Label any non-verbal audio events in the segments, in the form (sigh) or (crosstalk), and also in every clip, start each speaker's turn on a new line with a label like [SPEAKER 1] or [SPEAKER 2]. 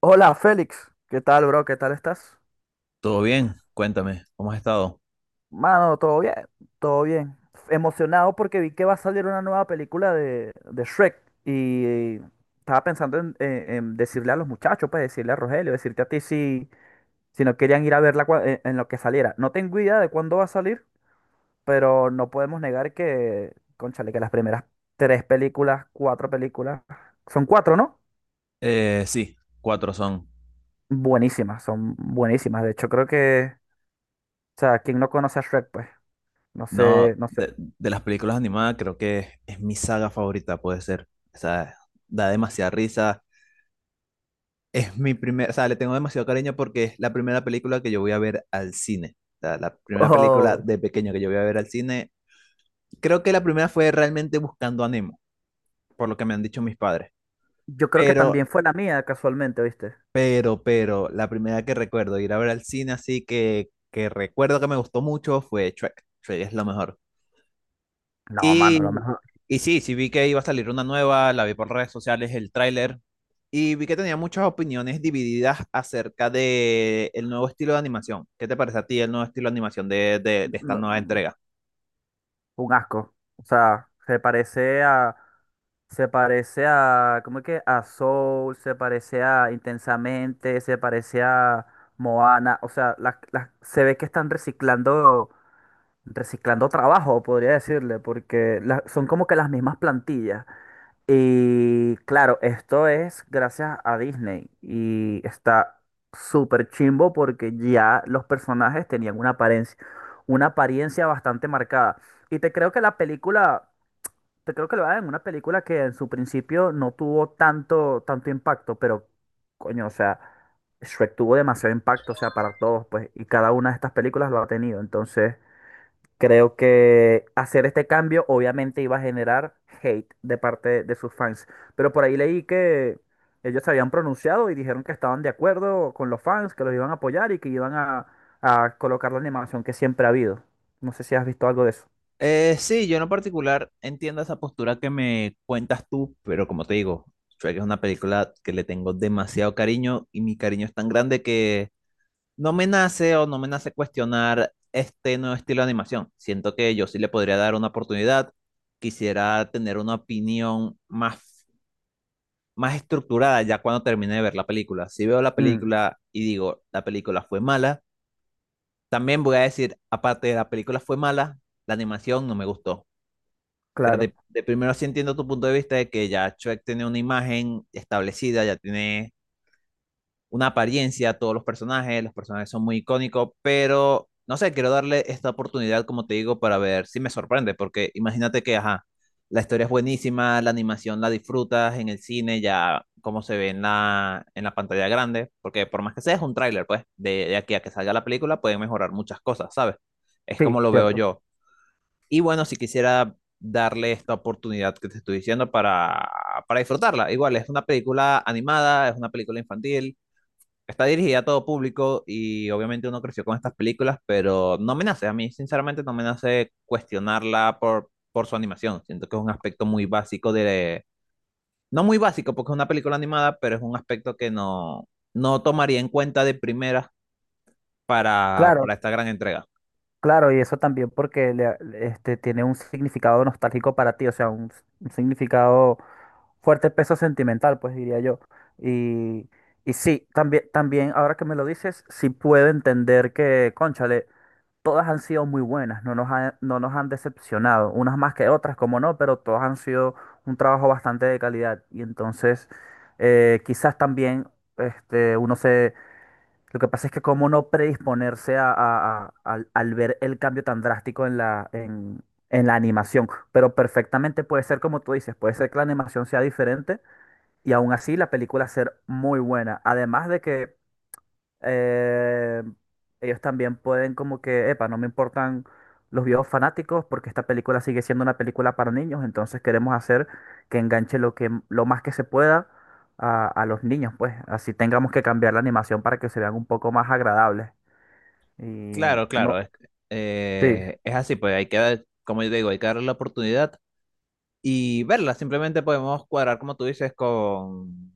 [SPEAKER 1] Hola Félix, ¿qué tal bro? ¿Qué tal estás?
[SPEAKER 2] ¿Todo bien? Cuéntame, ¿cómo has estado?
[SPEAKER 1] Mano, todo bien, todo bien. Emocionado porque vi que va a salir una nueva película de Shrek y estaba pensando en decirle a los muchachos, pues decirle a Rogelio, decirte a ti si no querían ir a verla en lo que saliera. No tengo idea de cuándo va a salir, pero no podemos negar que, cónchale, que las primeras tres películas, cuatro películas, son cuatro, ¿no?
[SPEAKER 2] Sí, cuatro son.
[SPEAKER 1] Buenísimas, son buenísimas. De hecho, o sea, ¿quién no conoce a Shrek, pues. No
[SPEAKER 2] No,
[SPEAKER 1] sé, no sé.
[SPEAKER 2] de las películas animadas creo que es mi saga favorita, puede ser. O sea, da demasiada risa. Es mi primera, o sea, le tengo demasiado cariño porque es la primera película que yo voy a ver al cine. O sea, la primera película
[SPEAKER 1] Oh,
[SPEAKER 2] de pequeño que yo voy a ver al cine. Creo que la primera fue realmente Buscando a Nemo, por lo que me han dicho mis padres.
[SPEAKER 1] yo creo que
[SPEAKER 2] Pero
[SPEAKER 1] también fue la mía, casualmente, ¿viste?
[SPEAKER 2] pero, la primera que recuerdo ir a ver al cine, así que recuerdo que me gustó mucho, fue Shrek. Shrek es lo mejor.
[SPEAKER 1] No, mano, lo
[SPEAKER 2] Y,
[SPEAKER 1] mejor.
[SPEAKER 2] y sí vi que iba a salir una nueva, la vi por redes sociales, el tráiler, y vi que tenía muchas opiniones divididas acerca de el nuevo estilo de animación. ¿Qué te parece a ti el nuevo estilo de animación de, de esta
[SPEAKER 1] No,
[SPEAKER 2] nueva entrega?
[SPEAKER 1] un asco. O sea, se parece a. Se parece a. ¿Cómo es que? A Soul, se parece a Intensamente, se parece a Moana. O sea, las se ve que están reciclando. Reciclando trabajo, podría decirle, porque la- son como que las mismas plantillas. Y claro, esto es gracias a Disney y está súper chimbo porque ya los personajes tenían una apariencia bastante marcada. Y te creo que la película, te creo que lo hagan en una película que en su principio no tuvo tanto, tanto impacto, pero coño, o sea, Shrek tuvo demasiado impacto, o sea, para todos, pues, y cada una de estas películas lo ha tenido. Entonces, creo que hacer este cambio obviamente iba a generar hate de parte de sus fans. Pero por ahí leí que ellos se habían pronunciado y dijeron que estaban de acuerdo con los fans, que los iban a apoyar y que iban a colocar la animación que siempre ha habido. No sé si has visto algo de eso.
[SPEAKER 2] Sí, yo en lo particular entiendo esa postura que me cuentas tú, pero como te digo, Shrek es una película que le tengo demasiado cariño y mi cariño es tan grande que no me nace o no me nace cuestionar este nuevo estilo de animación. Siento que yo sí le podría dar una oportunidad. Quisiera tener una opinión más estructurada ya cuando termine de ver la película. Si veo la
[SPEAKER 1] Mm,
[SPEAKER 2] película y digo, la película fue mala, también voy a decir, aparte de la película fue mala, la animación no me gustó. O sea,
[SPEAKER 1] claro,
[SPEAKER 2] de primero sí entiendo tu punto de vista de que ya Shrek tiene una imagen establecida, ya tiene una apariencia todos los personajes son muy icónicos, pero no sé, quiero darle esta oportunidad, como te digo, para ver si me sorprende, porque imagínate que, ajá, la historia es buenísima, la animación la disfrutas en el cine, ya como se ve en la pantalla grande, porque por más que sea es un tráiler, pues, de, aquí a que salga la película pueden mejorar muchas cosas, ¿sabes? Es
[SPEAKER 1] sí,
[SPEAKER 2] como lo veo
[SPEAKER 1] cierto.
[SPEAKER 2] yo. Y bueno, si quisiera darle esta oportunidad que te estoy diciendo para disfrutarla. Igual, es una película animada, es una película infantil, está dirigida a todo público y obviamente uno creció con estas películas, pero no me nace, a mí sinceramente no me nace cuestionarla por, su animación. Siento que es un aspecto muy básico de... No muy básico porque es una película animada, pero es un aspecto que no, no tomaría en cuenta de primera para,
[SPEAKER 1] Claro,
[SPEAKER 2] para esta gran entrega.
[SPEAKER 1] claro, y eso también porque le- tiene un significado nostálgico para ti, o sea, un significado fuerte peso sentimental, pues diría yo. Y, y sí, también, también, ahora que me lo dices, sí puedo entender que, cónchale, todas han sido muy buenas, no nos han, no nos han decepcionado, unas más que otras, como no, pero todas han sido un trabajo bastante de calidad. Y entonces, quizás también, uno se... Lo que pasa es que cómo no predisponerse al al, ver el cambio tan drástico en la animación, pero perfectamente puede ser como tú dices, puede ser que la animación sea diferente y aún así la película ser muy buena. Además de que eh, ellos también pueden como que, epa, no me importan los viejos fanáticos porque esta película sigue siendo una película para niños, entonces queremos hacer que enganche lo que, lo más que se pueda a los niños, pues así tengamos que cambiar la animación para que se vean un poco más agradables. Y
[SPEAKER 2] Claro,
[SPEAKER 1] no,
[SPEAKER 2] claro, es,
[SPEAKER 1] sí,
[SPEAKER 2] eh, es así, pues hay que dar, como yo digo, hay que darle la oportunidad y verla. Simplemente podemos cuadrar, como tú dices, con,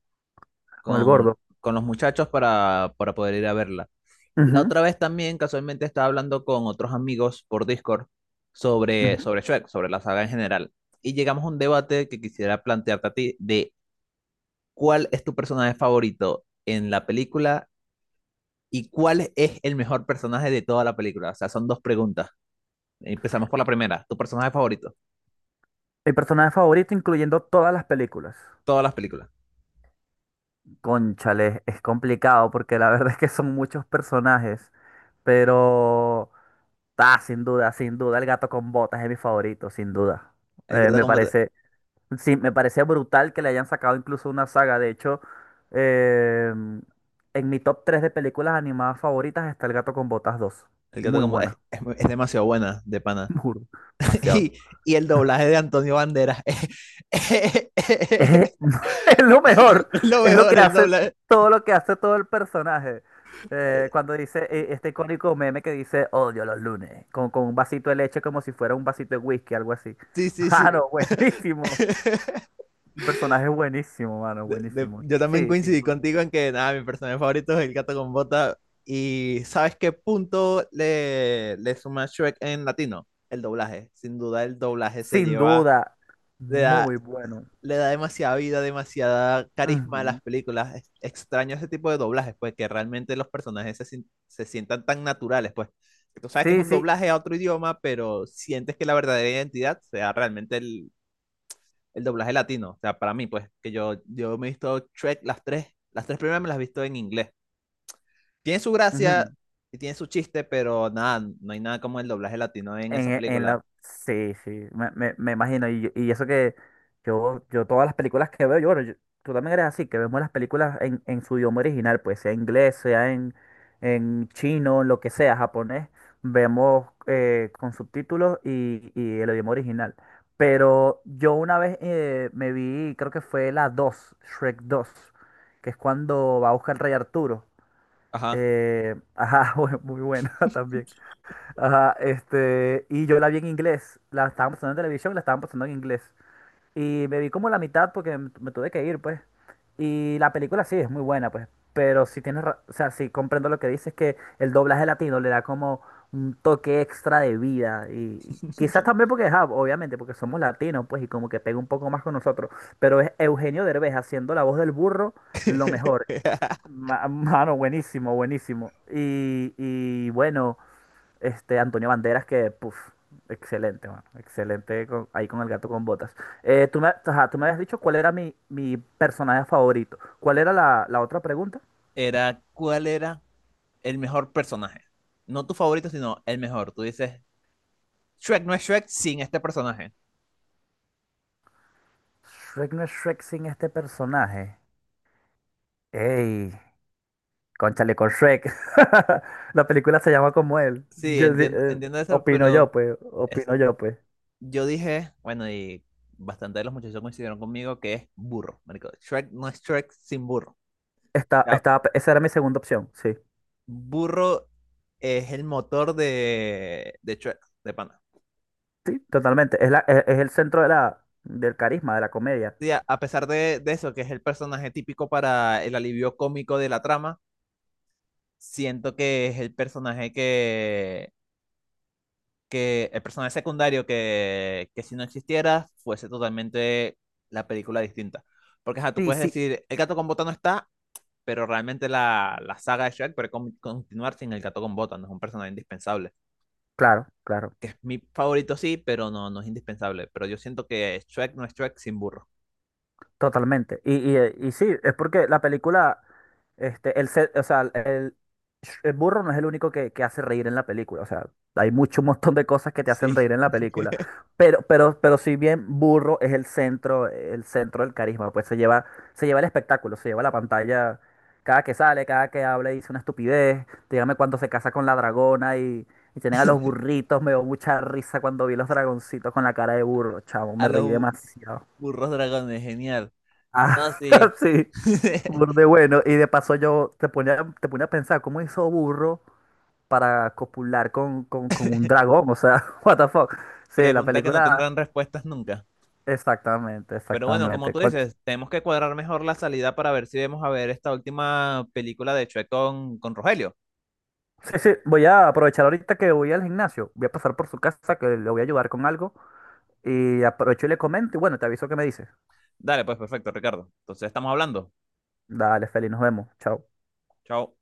[SPEAKER 1] con el
[SPEAKER 2] con,
[SPEAKER 1] gordo.
[SPEAKER 2] con los muchachos para poder ir a verla. La
[SPEAKER 1] Ujú,
[SPEAKER 2] otra vez también casualmente estaba hablando con otros amigos por Discord sobre,
[SPEAKER 1] ujú.
[SPEAKER 2] sobre Shrek, sobre la saga en general. Y llegamos a un debate que quisiera plantearte a ti de cuál es tu personaje favorito en la película y cuál es el mejor personaje de toda la película. O sea, son dos preguntas. Empezamos por la primera. ¿Tu personaje favorito?
[SPEAKER 1] Mi personaje favorito incluyendo todas las películas.
[SPEAKER 2] Todas las películas.
[SPEAKER 1] Cónchale, es complicado porque la (laughs) verdad es que son muchos personajes, pero sin duda, sin duda, el gato con botas es mi favorito, sin duda.
[SPEAKER 2] El
[SPEAKER 1] Eh,
[SPEAKER 2] gato
[SPEAKER 1] me
[SPEAKER 2] con bota-
[SPEAKER 1] parece, sí, me parece brutal que le hayan sacado incluso una saga. De hecho, eh, en mi top 3 de películas animadas favoritas está El gato con botas dos.
[SPEAKER 2] el gato
[SPEAKER 1] Muy
[SPEAKER 2] con bo- es,
[SPEAKER 1] buena,
[SPEAKER 2] es muy- es demasiado buena, de pana.
[SPEAKER 1] (laughs) juro,
[SPEAKER 2] (laughs)
[SPEAKER 1] demasiado.
[SPEAKER 2] Y, el doblaje de Antonio Banderas. (laughs) Es
[SPEAKER 1] Es, (laughs) es lo mejor,
[SPEAKER 2] lo
[SPEAKER 1] es lo que
[SPEAKER 2] mejor, el
[SPEAKER 1] hace
[SPEAKER 2] doblaje.
[SPEAKER 1] todo el personaje. Cuando dice este icónico meme que dice odio los lunes, con un vasito de leche como si fuera un vasito de whisky, algo así.
[SPEAKER 2] Sí, sí,
[SPEAKER 1] (laughs)
[SPEAKER 2] sí.
[SPEAKER 1] Mano, buenísimo. El personaje es buenísimo, mano, buenísimo.
[SPEAKER 2] Yo también
[SPEAKER 1] Sí, sin
[SPEAKER 2] coincidí
[SPEAKER 1] duda.
[SPEAKER 2] contigo en que nada, mi personaje favorito es el gato con bota. ¿Y sabes qué punto le suma Shrek en latino? El doblaje. Sin duda el doblaje se
[SPEAKER 1] Sin
[SPEAKER 2] lleva,
[SPEAKER 1] duda,
[SPEAKER 2] le da,
[SPEAKER 1] muy bueno.
[SPEAKER 2] le da demasiada vida, demasiada carisma a
[SPEAKER 1] Ujú.
[SPEAKER 2] las películas. Extraño ese tipo de doblajes, pues que realmente los personajes se, sin- se sientan tan naturales, pues. Tú sabes que es
[SPEAKER 1] Sí,
[SPEAKER 2] un
[SPEAKER 1] sí.
[SPEAKER 2] doblaje a otro idioma, pero sientes que la verdadera identidad sea realmente el doblaje latino. O sea, para mí, pues, que yo, me he visto Shrek las tres primeras me las he visto en inglés. Tiene su gracia
[SPEAKER 1] Ujú.
[SPEAKER 2] y tiene su chiste, pero nada, no hay nada como el doblaje latino en
[SPEAKER 1] En,
[SPEAKER 2] esa
[SPEAKER 1] e, en
[SPEAKER 2] película.
[SPEAKER 1] la... Sí, sí, me imagino. Y eso que yo todas las películas que veo, yo, bueno, yo- tú también eres así, que vemos las películas en su idioma original, pues sea inglés, sea en chino, lo que sea, japonés, vemos con subtítulos y el idioma original. Pero yo una vez me vi, creo que fue la 2 Shrek dos, que es cuando va a buscar el Rey Arturo.
[SPEAKER 2] Ajá.
[SPEAKER 1] (laughs) Ajá, muy muy buena (laughs) también. Ajá, este, y yo la vi en inglés, la estaban pasando en televisión, y la estaban pasando en inglés. Y me vi como la mitad porque me tuve que ir, pues. Y la película sí es muy buena, pues. Pero sí tienes, ra- o sea, sí comprendo lo que dices, que el doblaje latino le da como un toque extra de vida. Y quizás también porque, ajá, obviamente, porque somos latinos, pues, y como que pega un poco más con nosotros. Pero es Eugenio Derbez haciendo la voz del burro lo mejor.
[SPEAKER 2] (laughs)
[SPEAKER 1] Ma- (laughs) Mano, buenísimo, buenísimo. Y bueno. Este, Antonio Banderas, que, puf, excelente, mano, excelente con- ahí con el gato con botas. Tú me, ajá, tú me habías dicho cuál era mi personaje favorito. ¿Cuál era la otra pregunta?
[SPEAKER 2] Era, ¿cuál era el mejor personaje? No tu favorito, sino el mejor. Tú dices, Shrek no es Shrek sin este personaje.
[SPEAKER 1] Shrek no es Shrek sin este personaje. ¡Ey! Cónchale con Shrek. (laughs) La película se llama como él.
[SPEAKER 2] Sí, entiendo, entiendo eso,
[SPEAKER 1] Opino yo,
[SPEAKER 2] pero
[SPEAKER 1] pues.
[SPEAKER 2] es-
[SPEAKER 1] Opino yo, pues.
[SPEAKER 2] yo dije, bueno, y bastante de los muchachos coincidieron conmigo que es burro, marico. Shrek no es Shrek sin burro. La,
[SPEAKER 1] Esa era mi segunda opción, sí.
[SPEAKER 2] Burro es el motor de Shrek, de pana.
[SPEAKER 1] Sí, totalmente. Es la, es el centro de la, del carisma, de la comedia.
[SPEAKER 2] Sí, a pesar de eso, que es el personaje típico para el alivio cómico de la trama, siento que es el personaje que el personaje secundario que si no existiera fuese totalmente la película distinta. Porque ajá, tú
[SPEAKER 1] Sí,
[SPEAKER 2] puedes
[SPEAKER 1] sí.
[SPEAKER 2] decir, el gato con bota no está, pero realmente la, la saga de Shrek puede continuar sin el gato con bota, no es un personaje indispensable.
[SPEAKER 1] Claro, claro.
[SPEAKER 2] Mi favorito sí, pero no, no es indispensable. Pero yo siento que Shrek no es Shrek sin burro.
[SPEAKER 1] Totalmente. Y sí, es porque la película, este, o sea, el burro no es el único que hace reír en la película. O sea, hay mucho, un montón de cosas que te hacen
[SPEAKER 2] Sí.
[SPEAKER 1] reír en la película. Pero si bien burro es el centro del carisma, pues se lleva el espectáculo, se lleva la pantalla. Cada que sale, cada que habla y dice una estupidez. Dígame cuando se casa con la dragona y tienen a los
[SPEAKER 2] (laughs)
[SPEAKER 1] burritos. Me dio mucha risa cuando vi los dragoncitos con la cara de burro, chavo.
[SPEAKER 2] A
[SPEAKER 1] Me reí
[SPEAKER 2] los
[SPEAKER 1] demasiado.
[SPEAKER 2] burros dragones, genial.
[SPEAKER 1] Ah,
[SPEAKER 2] No, sí.
[SPEAKER 1] (laughs) sí,
[SPEAKER 2] (laughs)
[SPEAKER 1] burde bueno. Y de paso yo te ponía a pensar, ¿cómo hizo Burro para copular con un dragón? O sea, (laughs) what the fuck. Sí, la
[SPEAKER 2] Pregunta que no
[SPEAKER 1] película,
[SPEAKER 2] tendrán respuestas nunca.
[SPEAKER 1] exactamente,
[SPEAKER 2] Pero bueno, como
[SPEAKER 1] exactamente.
[SPEAKER 2] tú
[SPEAKER 1] Con-
[SPEAKER 2] dices, tenemos que cuadrar mejor la salida para ver si vamos a ver esta última película de Shrek con Rogelio.
[SPEAKER 1] Sí, sí, voy a aprovechar ahorita que voy al gimnasio. Voy a pasar por su casa, que le voy a ayudar con algo. Y aprovecho y le comento. Y bueno, te aviso que me dice.
[SPEAKER 2] Dale, pues perfecto, Ricardo. Entonces estamos hablando.
[SPEAKER 1] Dale, Feli, nos vemos. Chao.
[SPEAKER 2] Chao.